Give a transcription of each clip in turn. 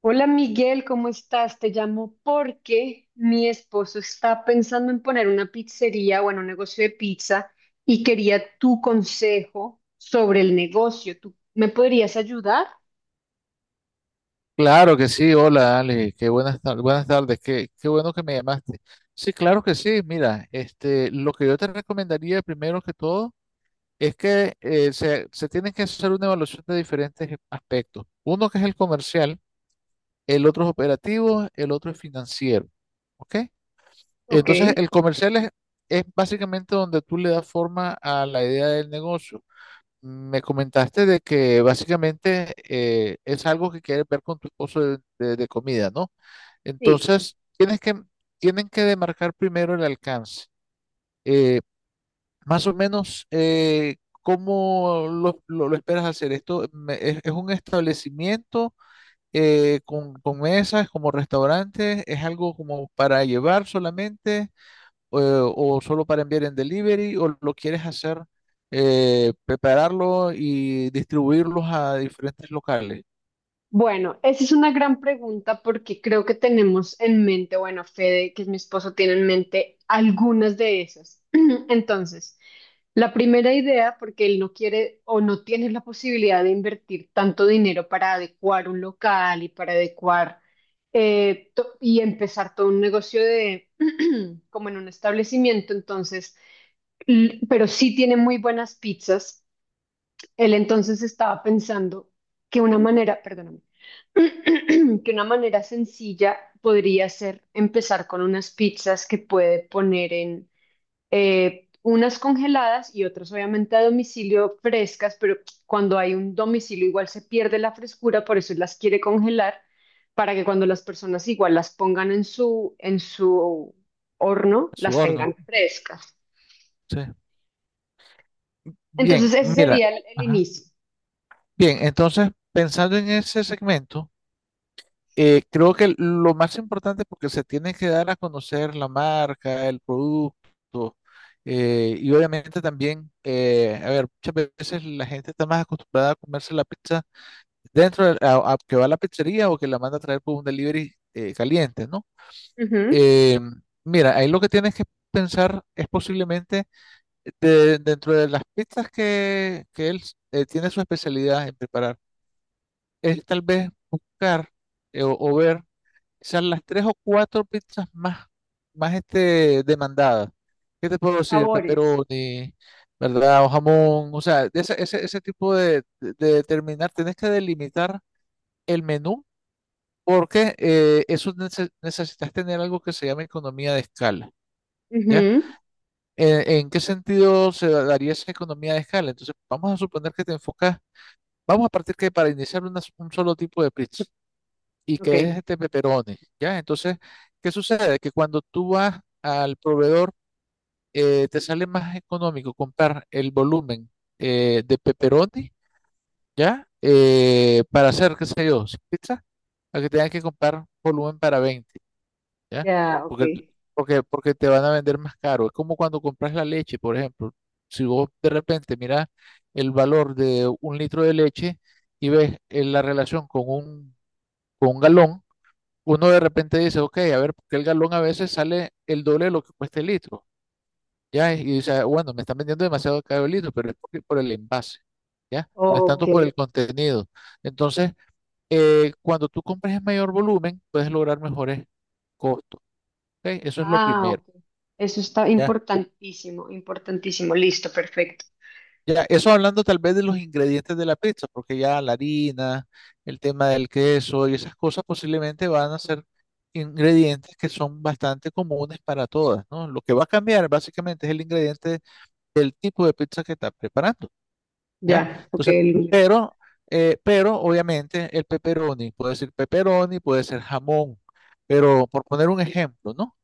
Hola Miguel, ¿cómo estás? Te llamo porque mi esposo está pensando en poner una pizzería, bueno, un negocio de pizza y quería tu consejo sobre el negocio. ¿Tú me podrías ayudar? Claro que sí, hola Ale, buenas tardes, qué bueno que me llamaste. Sí, claro que sí, mira, este, lo que yo te recomendaría primero que todo es que se tiene que hacer una evaluación de diferentes aspectos. Uno que es el comercial, el otro es operativo, el otro es financiero, ¿ok? Ok, Entonces, el comercial es básicamente donde tú le das forma a la idea del negocio. Me comentaste de que básicamente es algo que quieres ver con tu esposo de comida, ¿no? sí. Entonces, tienen que demarcar primero el alcance. Eh, más o menos, ¿cómo lo esperas hacer? ¿Esto es un establecimiento con mesas, como restaurante? ¿Es algo como para llevar solamente o solo para enviar en delivery? ¿O lo quieres hacer, prepararlo y distribuirlos a diferentes locales, Bueno, esa es una gran pregunta porque creo que tenemos en mente, bueno, Fede, que es mi esposo, tiene en mente algunas de esas. Entonces, la primera idea, porque él no quiere o no tiene la posibilidad de invertir tanto dinero para adecuar un local y para adecuar y empezar todo un negocio de como en un establecimiento, entonces, pero sí tiene muy buenas pizzas. Él entonces estaba pensando que una manera, perdóname, que una manera sencilla podría ser empezar con unas pizzas que puede poner en unas congeladas y otras obviamente a domicilio frescas, pero cuando hay un domicilio igual se pierde la frescura, por eso las quiere congelar para que cuando las personas igual las pongan en su horno, a su las horno? tengan frescas. Sí. Bien, Entonces ese mira. sería el Ajá. inicio. Bien, entonces, pensando en ese segmento, creo que lo más importante, porque se tiene que dar a conocer la marca, el producto, y obviamente también, a ver, muchas veces la gente está más acostumbrada a comerse la pizza dentro, a que va a la pizzería o que la manda a traer por un delivery caliente, ¿no? Ujú. Eh, mira, ahí lo que tienes que pensar es posiblemente dentro de las pizzas que él tiene su especialidad en preparar es tal vez buscar o ver quizás las tres o cuatro pizzas más, más demandadas. ¿Qué te puedo decir? Sabores. Pepperoni, ¿verdad? O jamón, o sea, de ese tipo de determinar, tenés que delimitar el menú porque eso necesitas tener algo que se llama economía de escala. ¿Ya? Ujú. ¿En qué sentido se daría esa economía de escala? Entonces, vamos a suponer que te enfocas, vamos a partir que para iniciar un solo tipo de pizza y que Ok, es este peperoni, ¿ya? Entonces, ¿qué sucede? Que cuando tú vas al proveedor, te sale más económico comprar el volumen de peperoni, ¿ya? Para hacer, qué sé yo, 100 pizzas, a que tengas que comprar volumen para 20. ¿Ya? ya, ok, Porque, porque te van a vender más caro. Es como cuando compras la leche, por ejemplo. Si vos de repente miras el valor de un litro de leche y ves la relación con un galón, uno de repente dice, ok, a ver, porque el galón a veces sale el doble de lo que cuesta el litro, ¿ya? Y dice, "Ah, bueno, me están vendiendo demasiado caro el litro, pero es por el envase, ¿ya? No es ok. tanto por el contenido. Entonces, cuando tú compras en mayor volumen, puedes lograr mejores costos, ¿ok? Eso es lo Ah, primero. ok. Eso está importantísimo, importantísimo. Listo, perfecto. Ya, eso hablando tal vez de los ingredientes de la pizza, porque ya la harina, el tema del queso y esas cosas posiblemente van a ser ingredientes que son bastante comunes para todas, ¿no? Lo que va a cambiar básicamente es el ingrediente del tipo de pizza que estás preparando, ¿ya? Ya, ok. Entonces, El- pero, pero obviamente el pepperoni, puede ser jamón, pero por poner un ejemplo, ¿no?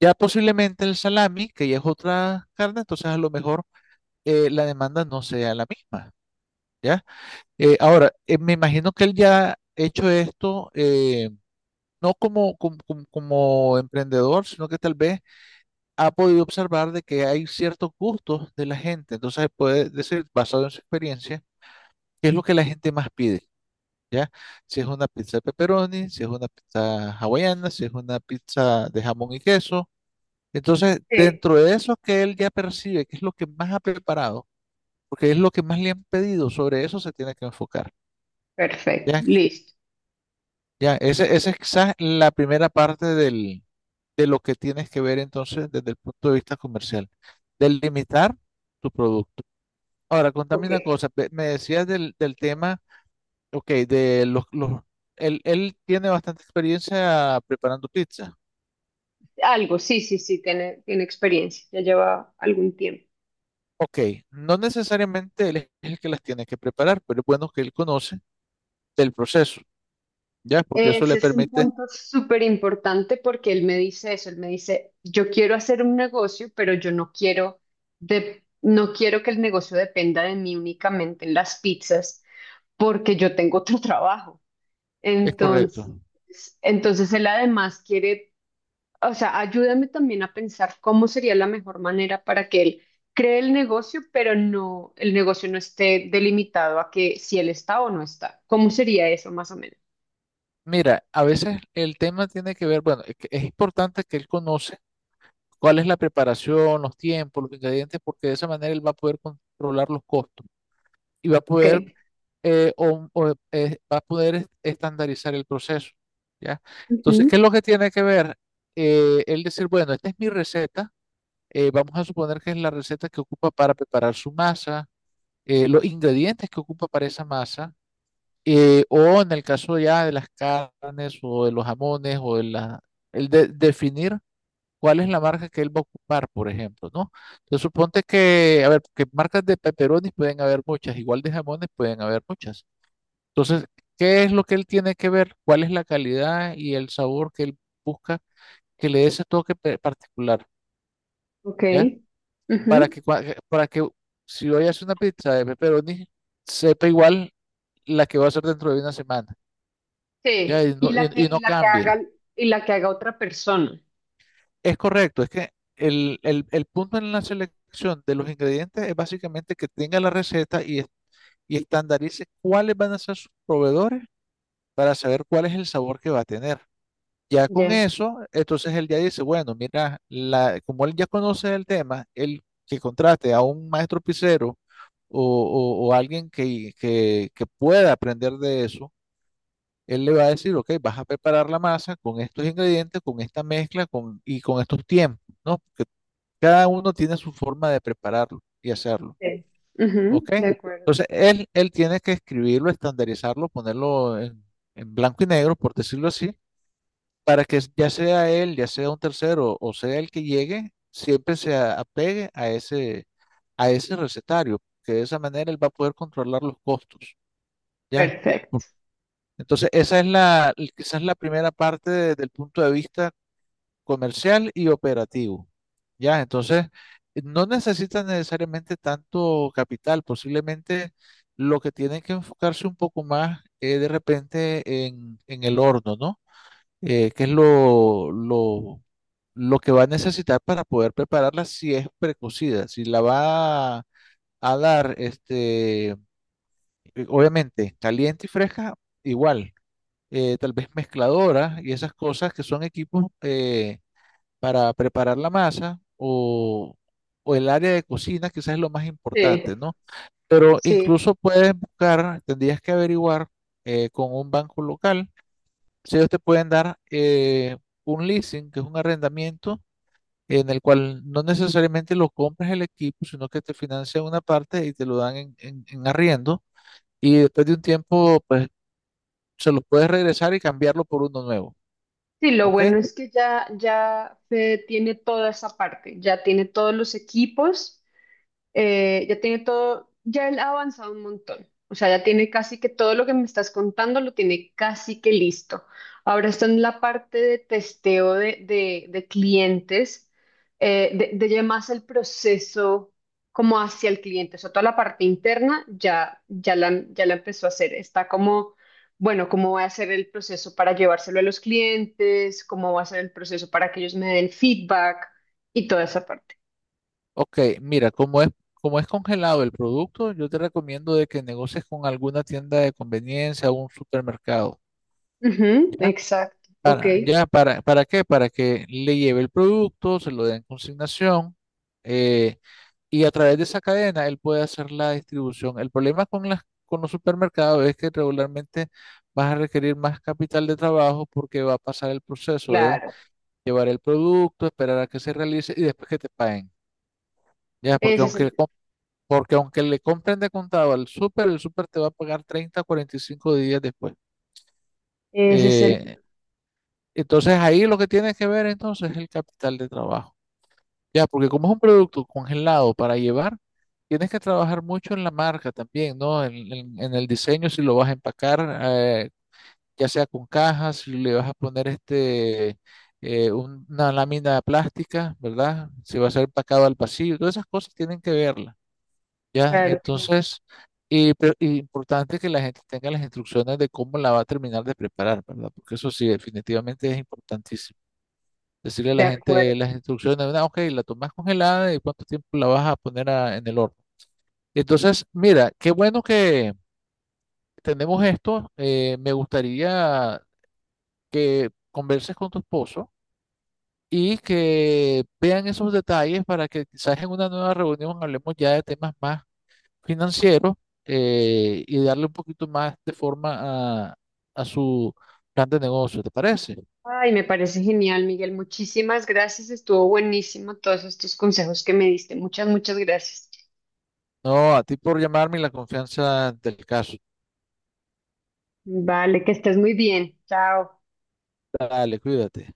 Ya posiblemente el salami, que ya es otra carne, entonces a lo mejor la demanda no sea la misma. ¿Ya? Ahora, me imagino que él ya ha hecho esto, no como emprendedor, sino que tal vez ha podido observar de que hay ciertos gustos de la gente. Entonces puede decir, basado en su experiencia, qué es lo que la gente más pide, ¿ya? Si es una pizza de pepperoni, si es una pizza hawaiana, si es una pizza de jamón y queso. Entonces, sí. dentro de eso que él ya percibe, qué es lo que más ha preparado, porque es lo que más le han pedido, sobre eso se tiene que enfocar. Perfecto, ¿Ya? listo. Ya, ese es quizás la primera parte del, de lo que tienes que ver entonces desde el punto de vista comercial, del limitar tu producto. Ahora, contame Ok. una cosa, me decías del tema, ok, de los, él tiene bastante experiencia preparando pizza. Algo, sí, sí, sí, tiene, tiene experiencia, ya lleva algún tiempo. Ok, no necesariamente él es el que las tiene que preparar, pero es bueno que él conoce del proceso, ¿ya? Porque eso le Ese es un permite, punto súper importante porque él me dice eso, él me dice, yo quiero hacer un negocio, pero yo no quiero, de, no quiero que el negocio dependa de mí únicamente en las pizzas porque yo tengo otro trabajo. es correcto. Entonces, entonces, él además quiere, o sea, ayúdame también a pensar cómo sería la mejor manera para que él cree el negocio, pero no, el negocio no esté delimitado a que si él está o no está. ¿Cómo sería eso más o menos? Mira, a veces el tema tiene que ver, bueno, es que es importante que él conozca cuál es la preparación, los tiempos, los ingredientes, porque de esa manera él va a poder controlar los costos y va a poder, Ok. O, va a poder est- estandarizar el proceso, ¿ya? Entonces, ¿qué es Ujú. lo que tiene que ver? Él decir, bueno, esta es mi receta, vamos a suponer que es la receta que ocupa para preparar su masa, los ingredientes que ocupa para esa masa, o en el caso ya de las carnes o de los jamones o de el definir cuál es la marca que él va a ocupar, por ejemplo, ¿no? Entonces suponte que, a ver, que marcas de pepperonis pueden haber muchas, igual de jamones pueden haber muchas. Entonces, ¿qué es lo que él tiene que ver? ¿Cuál es la calidad y el sabor que él busca que le dé ese toque particular, Ok. ¿ya? Ujú. Para que, para que si hoy hace una pizza de pepperoni sepa igual la que va a hacer dentro de una semana, ¿ya? Y Sí. Y no, la y que, y no cambie. Y la que haga otra persona. Es correcto, es que el punto en la selección de los ingredientes es básicamente que tenga la receta y, y estandarice cuáles van a ser sus proveedores para saber cuál es el sabor que va a tener. Ya con Ya. eso, entonces él ya dice, bueno, mira, como él ya conoce el tema, él que contrate a un maestro pizzero o alguien que pueda aprender de eso, él le va a decir, ok, vas a preparar la masa con estos ingredientes, con esta mezcla y con estos tiempos, ¿no? Cada uno tiene su forma de prepararlo y hacerlo, Sí. Ujú, ¿ok? de acuerdo. Entonces, él tiene que escribirlo, estandarizarlo, ponerlo en blanco y negro, por decirlo así, para que ya sea él, ya sea un tercero o sea el que llegue, siempre se apegue a ese recetario, que de esa manera él va a poder controlar los costos, ¿ya? Perfecto. Entonces, esa es quizás la primera parte del punto de vista comercial y operativo. Ya, entonces, no necesitan necesariamente tanto capital, posiblemente lo que tienen que enfocarse un poco más es de repente en el horno, ¿no? Que es lo que va a necesitar para poder prepararla si es precocida, si la va a dar, obviamente, caliente y fresca, igual, tal vez mezcladora y esas cosas que son equipos. Para preparar la masa o el área de cocina, quizás es lo más importante, Sí. ¿no? Pero Sí. incluso puedes buscar, tendrías que averiguar con un banco local si ellos te pueden dar un leasing, que es un arrendamiento en el cual no necesariamente lo compras el equipo, sino que te financian una parte y te lo dan en arriendo y después de un tiempo, pues se lo puedes regresar y cambiarlo por uno nuevo, Sí, lo ¿ok? bueno es que ya, ya Fede tiene toda esa parte, ya tiene todos los equipos. Ya tiene todo, ya él ha avanzado un montón. O sea, ya tiene casi que todo lo que me estás contando lo tiene casi que listo. Ahora está en la parte de testeo de clientes, de ya más el proceso como hacia el cliente. O sea, toda la parte interna ya la empezó a hacer. Está como, bueno, cómo va a ser el proceso para llevárselo a los clientes, cómo va a ser el proceso para que ellos me den feedback y toda esa parte. Ok, mira, como es congelado el producto, yo te recomiendo de que negocies con alguna tienda de conveniencia o un supermercado, Ujú, ¿ya? exacto. Ok. Para, ya, ¿para qué? Para que le lleve el producto, se lo den en consignación, eh, y a través de esa cadena él puede hacer la distribución. El problema con las, con los supermercados es que regularmente vas a requerir más capital de trabajo porque va a pasar el proceso de Claro, llevar el producto, esperar a que se realice y después que te paguen. Ya, porque ese es el, aunque Porque aunque le compren de contado al súper, el súper te va a pagar treinta cuarenta y cinco días después. ese es el, Eh, entonces ahí lo que tienes que ver entonces es el capital de trabajo. Ya, porque como es un producto congelado para llevar, tienes que trabajar mucho en la marca también, ¿no? En el diseño, si lo vas a empacar, ya sea con cajas, si le vas a poner una lámina plástica, ¿verdad? Si va a ser empacado al pasillo, todas esas cosas tienen que ver. ¿Ya? claro, claro, Entonces, y importante que la gente tenga las instrucciones de cómo la va a terminar de preparar, ¿verdad? Porque eso sí, definitivamente es importantísimo. Decirle a de la gente acuerdo. las instrucciones, "Ah, ok, la tomas congelada y cuánto tiempo la vas a poner en el horno. Entonces, mira, qué bueno que tenemos esto. Me gustaría que converses con tu esposo y que vean esos detalles para que quizás en una nueva reunión hablemos ya de temas más financieros y darle un poquito más de forma a su plan de negocio, ¿te parece? Ay, me parece genial, Miguel. Muchísimas gracias. Estuvo buenísimo todos estos consejos que me diste. Muchas, muchas gracias. No, a ti por llamarme y la confianza del caso. Vale, que estés muy bien. Chao. Dale, cuídate.